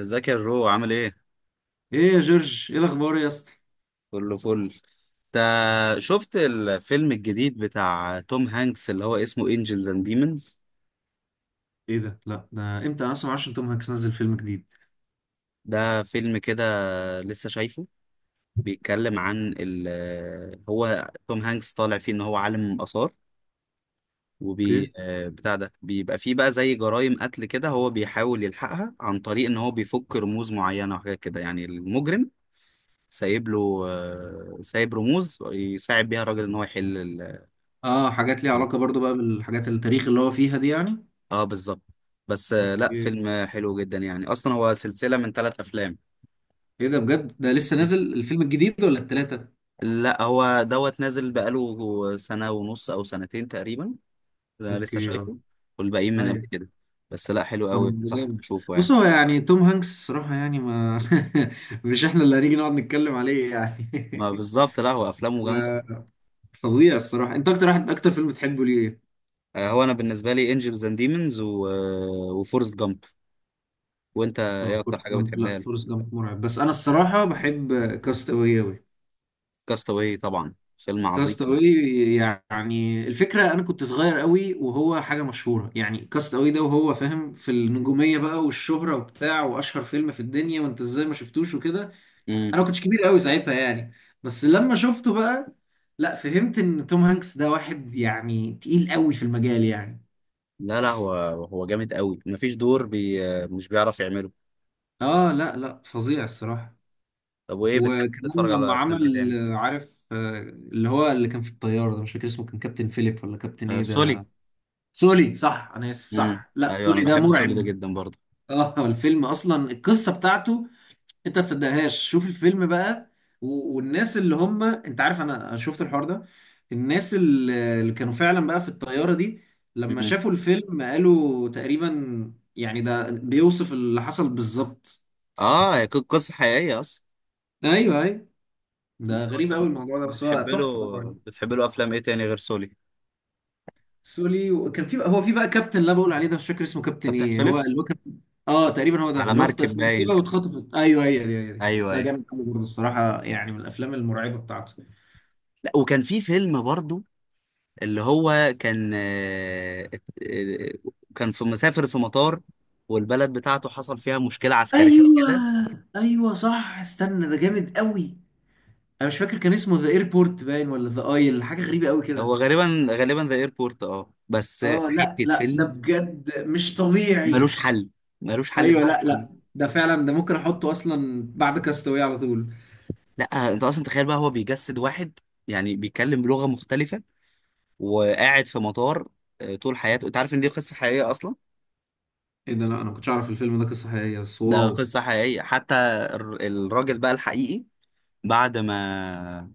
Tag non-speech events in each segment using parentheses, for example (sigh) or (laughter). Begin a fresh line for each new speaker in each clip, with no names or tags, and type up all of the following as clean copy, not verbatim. ازيك يا جو، عامل ايه؟
ايه يا جورج، ايه الاخبار يا اسطى؟
كله فل. انت شفت الفيلم الجديد بتاع توم هانكس اللي هو اسمه انجلز اند ديمونز؟
ايه ده؟ لا، ده امتى؟ انا اصلا معرفش ان توم هانكس نزل فيلم جديد.
ده فيلم كده، لسه شايفه. بيتكلم عن ال هو توم هانكس طالع فيه ان هو عالم آثار
اوكي.
وبي آه، بتاع ده بيبقى فيه بقى زي جرائم قتل كده، هو بيحاول يلحقها عن طريق ان هو بيفك رموز معينة وحاجات كده، يعني المجرم سايب له آه، سايب رموز يساعد بيها الراجل ان هو يحل الجريمة.
اه، حاجات ليها علاقه برضو بقى بالحاجات التاريخ اللي هو فيها دي يعني.
اه، بالظبط. بس لا،
اوكي.
فيلم حلو جدا يعني. اصلا هو سلسلة من ثلاث افلام.
ايه ده بجد؟ ده لسه
مم.
نازل الفيلم الجديد ولا التلاته؟
لا هو دوت نازل بقاله سنة ونص او سنتين تقريبا. ده لسه
اوكي. اه.
شايفه. والباقيين من قبل
ايوه.
كده. بس لا، حلو قوي،
طب ده
بنصحك
جامد.
تشوفه
بص،
يعني.
هو يعني توم هانكس الصراحه يعني ما (laughs) مش احنا اللي هنيجي نقعد نتكلم عليه يعني.
ما بالظبط. لا هو
(laughs)
افلامه جامدة.
ما- فظيع الصراحه. انت اكتر واحد، اكتر فيلم بتحبه ليه؟
هو انا بالنسبة لي انجلز اند ديمونز وفورست جامب. وانت
اه
ايه اكتر
فورست
حاجة
جامب. لا،
بتحبها له؟
فورست جامب مرعب، بس انا الصراحه بحب كاست اوي،
كاستاوي طبعا، فيلم
كاست
عظيم.
اواي. يعني الفكره انا كنت صغير قوي، وهو حاجه مشهوره يعني كاست اواي ده، وهو فاهم في النجوميه بقى والشهره وبتاع، واشهر فيلم في الدنيا وانت ازاي ما شفتوش وكده.
مم.
انا ما كنتش كبير قوي ساعتها يعني، بس لما شفته بقى، لا، فهمت ان توم هانكس ده واحد يعني تقيل قوي في المجال يعني.
لا هو جامد قوي، مفيش دور بي آه، مش بيعرف يعمله.
اه لا لا، فظيع الصراحه.
طب وايه بتحب
وكمان
تتفرج
لما
على افلام ايه
عمل
تاني؟
عارف، اللي هو اللي كان في الطياره ده، مش فاكر اسمه، كان كابتن فيليب ولا كابتن
آه،
ايه ده؟
سولي.
سولي، صح، انا اسف،
امم،
صح، لا
ايوه انا
سولي ده
بحب سولي ده
مرعب.
جدا برضه.
اه، الفيلم اصلا، القصه بتاعته انت ما تصدقهاش، شوف الفيلم بقى. والناس اللي هم، انت عارف انا شفت الحوار ده، الناس اللي كانوا فعلا بقى في الطياره دي لما
امم،
شافوا الفيلم قالوا تقريبا يعني ده بيوصف اللي حصل بالظبط.
اه، هي قصه حقيقيه اصلا.
ايوه ايوه،
انت
ده غريب
أنت
قوي الموضوع ده، بس هو
بتحب له
تحفه طبعا.
بتحب له افلام ايه تاني غير سولي؟
سولي، وكان في بقى، هو في بقى كابتن اللي انا بقول عليه ده، مش فاكر اسمه كابتن
كابتن
ايه، هو
فيليبس.
اللي هو كان. اه تقريبا هو ده،
على
اللي هو في
مركب
في مركبه
باين.
واتخطفت، ايوه هي دي هي دي.
ايوه
ده
ايوه.
جامد قوي برضه الصراحه، يعني من الافلام المرعبه بتاعته.
لا، وكان في فيلم برضه اللي هو كان آه، كان في مسافر في مطار، والبلد بتاعته حصل فيها مشكله عسكريه
ايوه
كده.
ايوه صح، استنى، ده جامد قوي. انا مش فاكر، كان اسمه ذا ايربورت باين، ولا ذا ايل، حاجه غريبه قوي
هو
كده.
غالبا ذا ايربورت، اه بس
اه لا
حته
لا، ده
فيلم.
بجد مش طبيعي.
ملوش حل ملوش حل
ايوه
بمعنى.
لا لا، ده فعلا ده ممكن احطه اصلا بعد كاستاوي على طول.
لا انت اصلا تخيل بقى، هو بيجسد واحد يعني بيتكلم بلغه مختلفه وقاعد في مطار طول حياته. انت عارف ان دي قصه حقيقيه اصلا؟
ايه ده؟ لا، انا ما كنتش اعرف الفيلم ده قصه حقيقيه، بس
ده
واو.
قصه حقيقيه حتى. الراجل بقى الحقيقي، بعد ما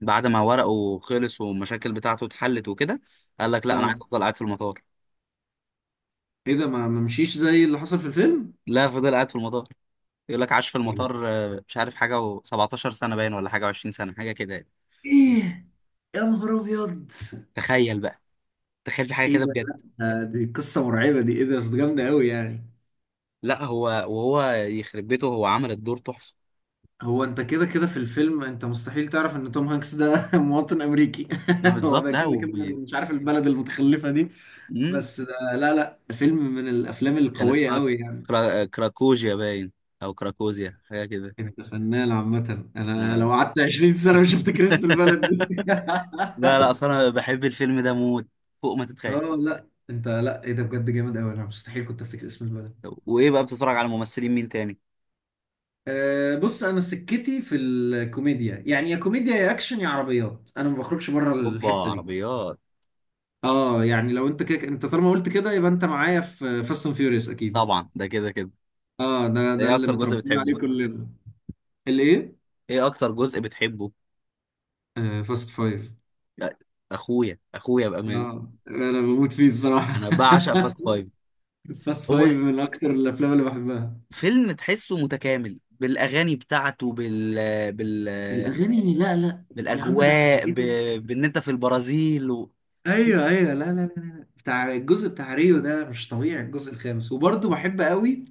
بعد ما ورقه خلص والمشاكل بتاعته اتحلت وكده، قال لك لا انا
اه،
عايز افضل قاعد في المطار.
ايه ده؟ ما مشيش زي اللي حصل في الفيلم؟
لا، فضل قاعد في المطار. يقول لك عاش في
ايه ده؟
المطار، مش عارف، حاجه و17 سنه باين ولا حاجه و20 سنه، حاجه كده يعني.
إيه؟ يا نهار ابيض.
تخيل بقى. تخيل في حاجه
ايه
كده
ده
بجد.
لا، دي قصه مرعبه دي، ايه ده؟ بس جامده قوي يعني.
لا هو، وهو يخرب بيته، هو عمل الدور تحفه.
هو انت كده كده في الفيلم انت مستحيل تعرف ان توم هانكس ده (laughs) مواطن امريكي.
ما
(laughs) هو
بالظبط.
ده
لا
كده كده
وب...
مش عارف البلد المتخلفه دي.
مم.
بس ده لا لا، فيلم من الافلام
كان
القويه
اسمها
قوي يعني.
كراكوجيا باين او كراكوزيا، حاجه كده.
انت فنان عامه، انا
آه.
لو قعدت 20 سنه مش هفتكر اسم البلد
(laughs)
دي. (laughs)
لا لا، اصل انا بحب الفيلم ده موت، فوق ما تتخيل.
اه لا، انت لا، ايه ده بجد، جامد قوي، انا مستحيل كنت افتكر اسم البلد.
وايه بقى بتتفرج على ممثلين مين تاني؟
أه بص، انا سكتي في الكوميديا يعني، يا كوميديا يا اكشن يا عربيات، انا ما بخرجش بره
اوبا،
الحته دي.
عربيات.
اه يعني لو انت كده، انت طالما قلت كده يبقى انت معايا في فاست اند فيوريوس اكيد.
طبعا، ده كده كده.
اه، ده
ده
ده
ايه
اللي
اكتر جزء
متربيين
بتحبه؟
عليه (laughs) كلنا. الايه؟
ايه اكتر جزء بتحبه
فاست فايف.
لا، اخويا اخويا بامان.
اه انا بموت فيه الصراحه.
انا بعشق
(laughs)
فاست فايف.
فاست
هو
فايف من اكتر الافلام اللي بحبها.
فيلم تحسه متكامل، بالاغاني بتاعته، بال
الاغاني؟ لا لا. يا عم ده احنا،
بالاجواء،
ايه ده؟
بان انت في البرازيل
ايوه ايوه، لا لا لا لا لا. بتاع الجزء بتاع ريو ده مش طبيعي، الجزء الخامس. وبرضه بحب قوي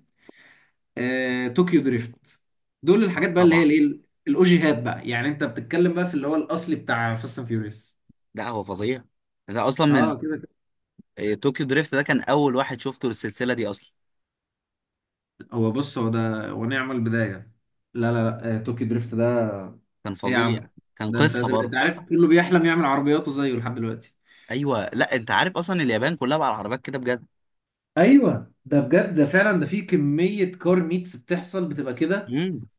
طوكيو دريفت، دول الحاجات بقى اللي هي
طبعا.
الايه، الاوجيهات بقى، يعني انت بتتكلم بقى في اللي هو الاصلي بتاع فاست اند فيوريوس.
لا هو فظيع، ده اصلا من
اه كده كده.
طوكيو دريفت ده كان اول واحد شفته للسلسله دي اصلا.
هو بص، هو ده، ونعم البدايه. لا لا لا، طوكيو دريفت ده،
كان
ايه يا عم!
فظيع. كان
ده انت
قصه
انت
برضه.
عارف كله بيحلم يعمل عربياته زيه لحد دلوقتي.
ايوه. لا، انت عارف اصلا اليابان كلها بقى على العربيات كده بجد.
ايوه ده بجد، ده فعلا، ده في كميه كار ميتس بتحصل بتبقى كده،
امم.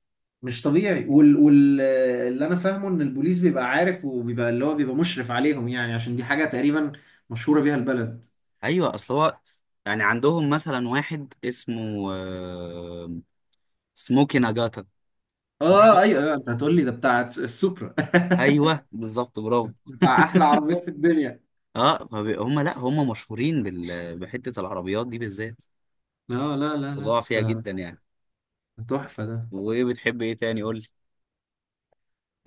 مش طبيعي. وال وال اللي انا فاهمه ان البوليس بيبقى عارف، وبيبقى اللي هو بيبقى مشرف عليهم يعني، عشان دي حاجه تقريبا مشهوره بيها البلد.
ايوه، اصل هو يعني عندهم مثلا واحد اسمه سموكي ناجاتا.
اه ايوه أيوة، انت هتقول لي ده بتاع السوبرا.
ايوه بالظبط، برافو.
(laughs) بتاع احلى عربيات في الدنيا.
اه فهم. لا هم مشهورين بحته العربيات دي بالذات،
لا لا لا لا،
فظاع فيها
ده
جدا يعني.
تحفة ده.
وايه بتحب ايه تاني، قول لي.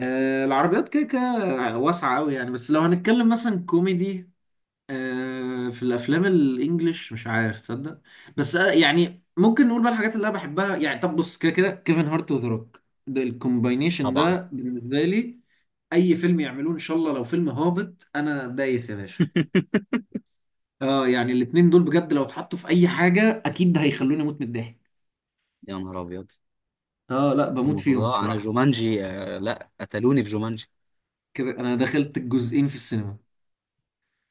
العربيات كده كده واسعة قوي يعني، بس لو هنتكلم مثلا كوميدي، في الافلام الانجليش مش عارف تصدق، بس يعني ممكن نقول بقى الحاجات اللي انا بحبها يعني. طب بص، كده كده كيفن هارت وذا روك ده، الكومباينيشن
طبعا.
ده بالنسبة لي اي فيلم يعملوه ان شاء الله، لو فيلم هابط انا دايس يا باشا.
(laughs)
اه يعني الاتنين دول بجد لو اتحطوا في اي حاجة اكيد هيخلوني اموت من الضحك.
يا نهار ابيض.
اه لا، بموت
هم
فيهم
فضاء. انا
الصراحة.
جومانجي، آه لا قتلوني في جومانجي.
كده انا دخلت الجزئين في السينما.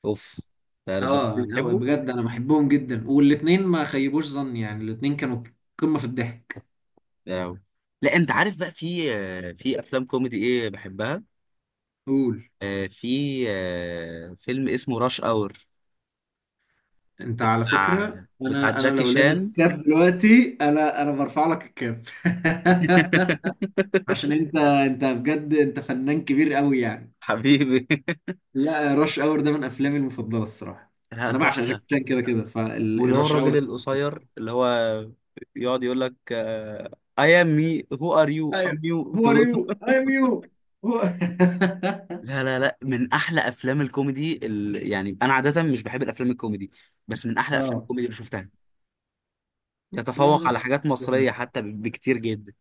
اوف، ده الدرجه دي
اه لا
بتحبه؟
بجد، انا بحبهم جدا، والاتنين ما خيبوش ظني يعني، الاتنين كانوا قمة في الضحك.
يا لهوي. لا، انت عارف بقى في في افلام كوميدي ايه بحبها؟
قول.
في فيلم اسمه راش اور.
انت على
بتاع
فكرة،
بتاع
انا
جاكي
لو لابس
شان.
كاب دلوقتي، انا برفع لك الكاب. (laughs) عشان
(laughs)
انت بجد انت فنان كبير قوي يعني.
حبيبي.
لا، رش اور ده من افلامي المفضلة الصراحة.
لا
انا بعشق
تحفه.
جاكي شان كده كده
واللي هو
فالرش
الراجل
اور.
القصير، اللي هو يقعد يقول لك آه I am me, who are you, I'm
ايوه،
you.
هو ار
(laughs)
يو اي ام يو. هو (laughs)
لا، من احلى افلام الكوميدي يعني انا عاده مش بحب الافلام الكوميدي، بس من احلى افلام
اه
الكوميدي اللي شفتها.
لا
يتفوق
لا،
على حاجات مصريه حتى بكتير جدا.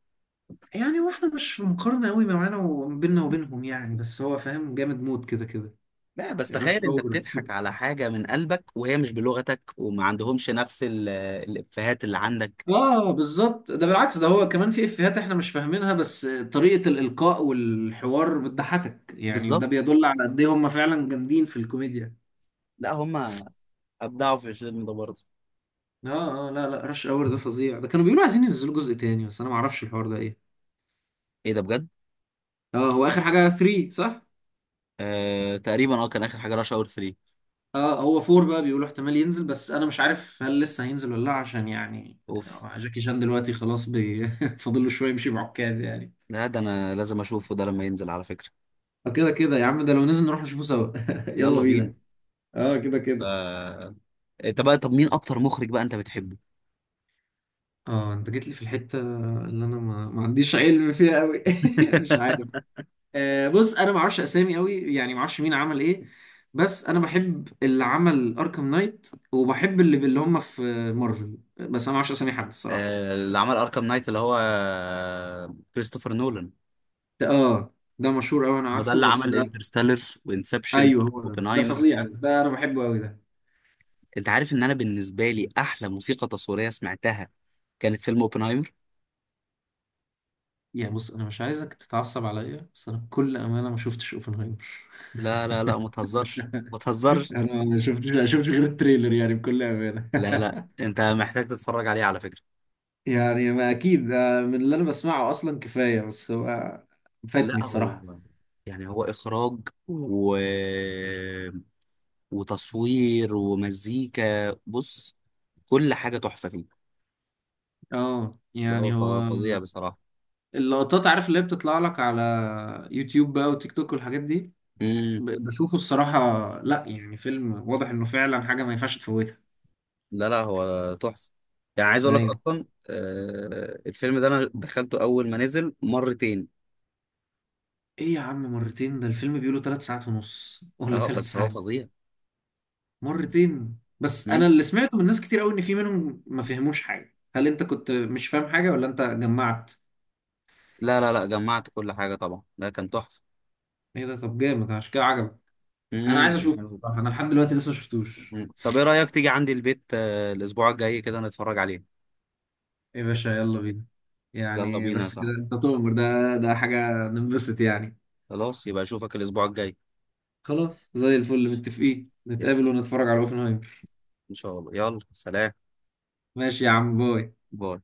يعني هو احنا مش في مقارنة قوي، ما معانا وبيننا وبينهم يعني، بس هو فاهم جامد موت كده كده.
لا، بس
رش
تخيل انت
اور.
بتضحك على حاجه من قلبك وهي مش بلغتك وما عندهمش نفس الافيهات اللي عندك.
اه بالظبط، ده بالعكس، ده هو كمان في افيهات احنا مش فاهمينها، بس طريقة الإلقاء والحوار بتضحكك يعني، ده
بالظبط.
بيدل على قد ايه هم فعلا جامدين في الكوميديا.
لا هم ابدعوا في الفيلم ده برضه.
اه اه لا لا، رش اور ده فظيع، ده كانوا بيقولوا عايزين ينزلوا جزء تاني، بس انا ما اعرفش الحوار ده ايه.
ايه ده، بجد؟
اه هو اخر حاجة 3، صح؟
آه... تقريبا اه، كان اخر حاجه راش اور 3.
اه هو فور بقى بيقولوا احتمال ينزل، بس انا مش عارف هل لسه هينزل ولا لا، عشان يعني
اوف.
جاكي شان دلوقتي خلاص بي... (laughs) فاضل له شويه يمشي بعكاز يعني.
لا ده انا لازم اشوفه ده لما ينزل على فكره.
فكده كده يا عم، ده لو نزل نروح نشوفه سوا. (laughs) يلا
يلا بينا.
بينا. اه كده كده.
آه... انت بقى، طب مين اكتر مخرج بقى انت بتحبه؟
اه انت جيت لي في الحته اللي انا ما عنديش علم فيها قوي. (laughs) مش عارف.
(laughs)
بص انا ما اعرفش اسامي قوي يعني، ما اعرفش مين عمل ايه، بس انا بحب اللي عمل اركام نايت، وبحب اللي هم في مارفل، بس انا ما اعرفش اسامي حد الصراحه.
آه، اللي عمل اركام نايت اللي هو كريستوفر نولان.
اه، ده مشهور قوي، انا
هو ده
عارفه
اللي
بس.
عمل انترستيلر وانسبشن.
ايوه هو ده
اوبنهايمر.
فظيع، ده انا بحبه قوي ده.
انت عارف ان انا بالنسبه لي احلى موسيقى تصويريه سمعتها كانت فيلم اوبنهايمر.
يعني بص، انا مش عايزك تتعصب عليا، بس انا بكل امانه ما شفتش اوبنهايمر.
لا،
(laughs)
ما تهزرش ما تهزرش.
انا ما شفتش غير التريلر يعني بكل امانه.
لا لا، انت محتاج تتفرج عليه على فكره.
(laughs) يعني ما اكيد ده من اللي انا بسمعه اصلا كفايه، بس هو فاتني
لا هو
الصراحه.
يعني، هو اخراج وتصوير ومزيكا، بص، كل حاجه تحفه فيه.
اه
لا هو
يعني هو،
فظيع بصراحه.
اللقطات عارف اللي هي بتطلع لك على يوتيوب بقى وتيك توك والحاجات دي،
مم.
بشوفه الصراحه. لا يعني فيلم واضح انه فعلا حاجه ما ينفعش تفوتها.
لا هو تحفة. يعني عايز اقول لك
ايوه.
اصلا، آه الفيلم ده انا دخلته اول ما نزل مرتين.
ايه يا عم، مرتين؟ ده الفيلم بيقولوا ثلاث ساعات ونص ولا
اه
ثلاث
بس هو
ساعات!
فظيع.
مرتين؟ بس انا
مم.
اللي سمعته من ناس كتير قوي ان في منهم ما فهموش حاجه، هل انت كنت مش فاهم حاجه ولا انت جمعت؟
لا، جمعت كل حاجة طبعا، ده كان تحفة.
ايه ده؟ طب جامد عشان كده عجبك. انا عايز
كان
اشوفه
حلو.
بصراحه، انا لحد دلوقتي لسه ما شفتوش.
طب ايه رأيك تيجي عندي البيت الاسبوع الجاي كده نتفرج عليه؟
ايه يا باشا، يلا بينا.
يلا
يعني
بينا يا
بس كده،
صاحبي.
انت تؤمر، ده ده حاجه ننبسط يعني.
خلاص، يبقى اشوفك الاسبوع الجاي.
خلاص زي الفل، متفقين
يعني،
نتقابل ونتفرج على اوبنهايمر.
ان شاء الله. يلا سلام.
ماشي يا عم، باي.
باي.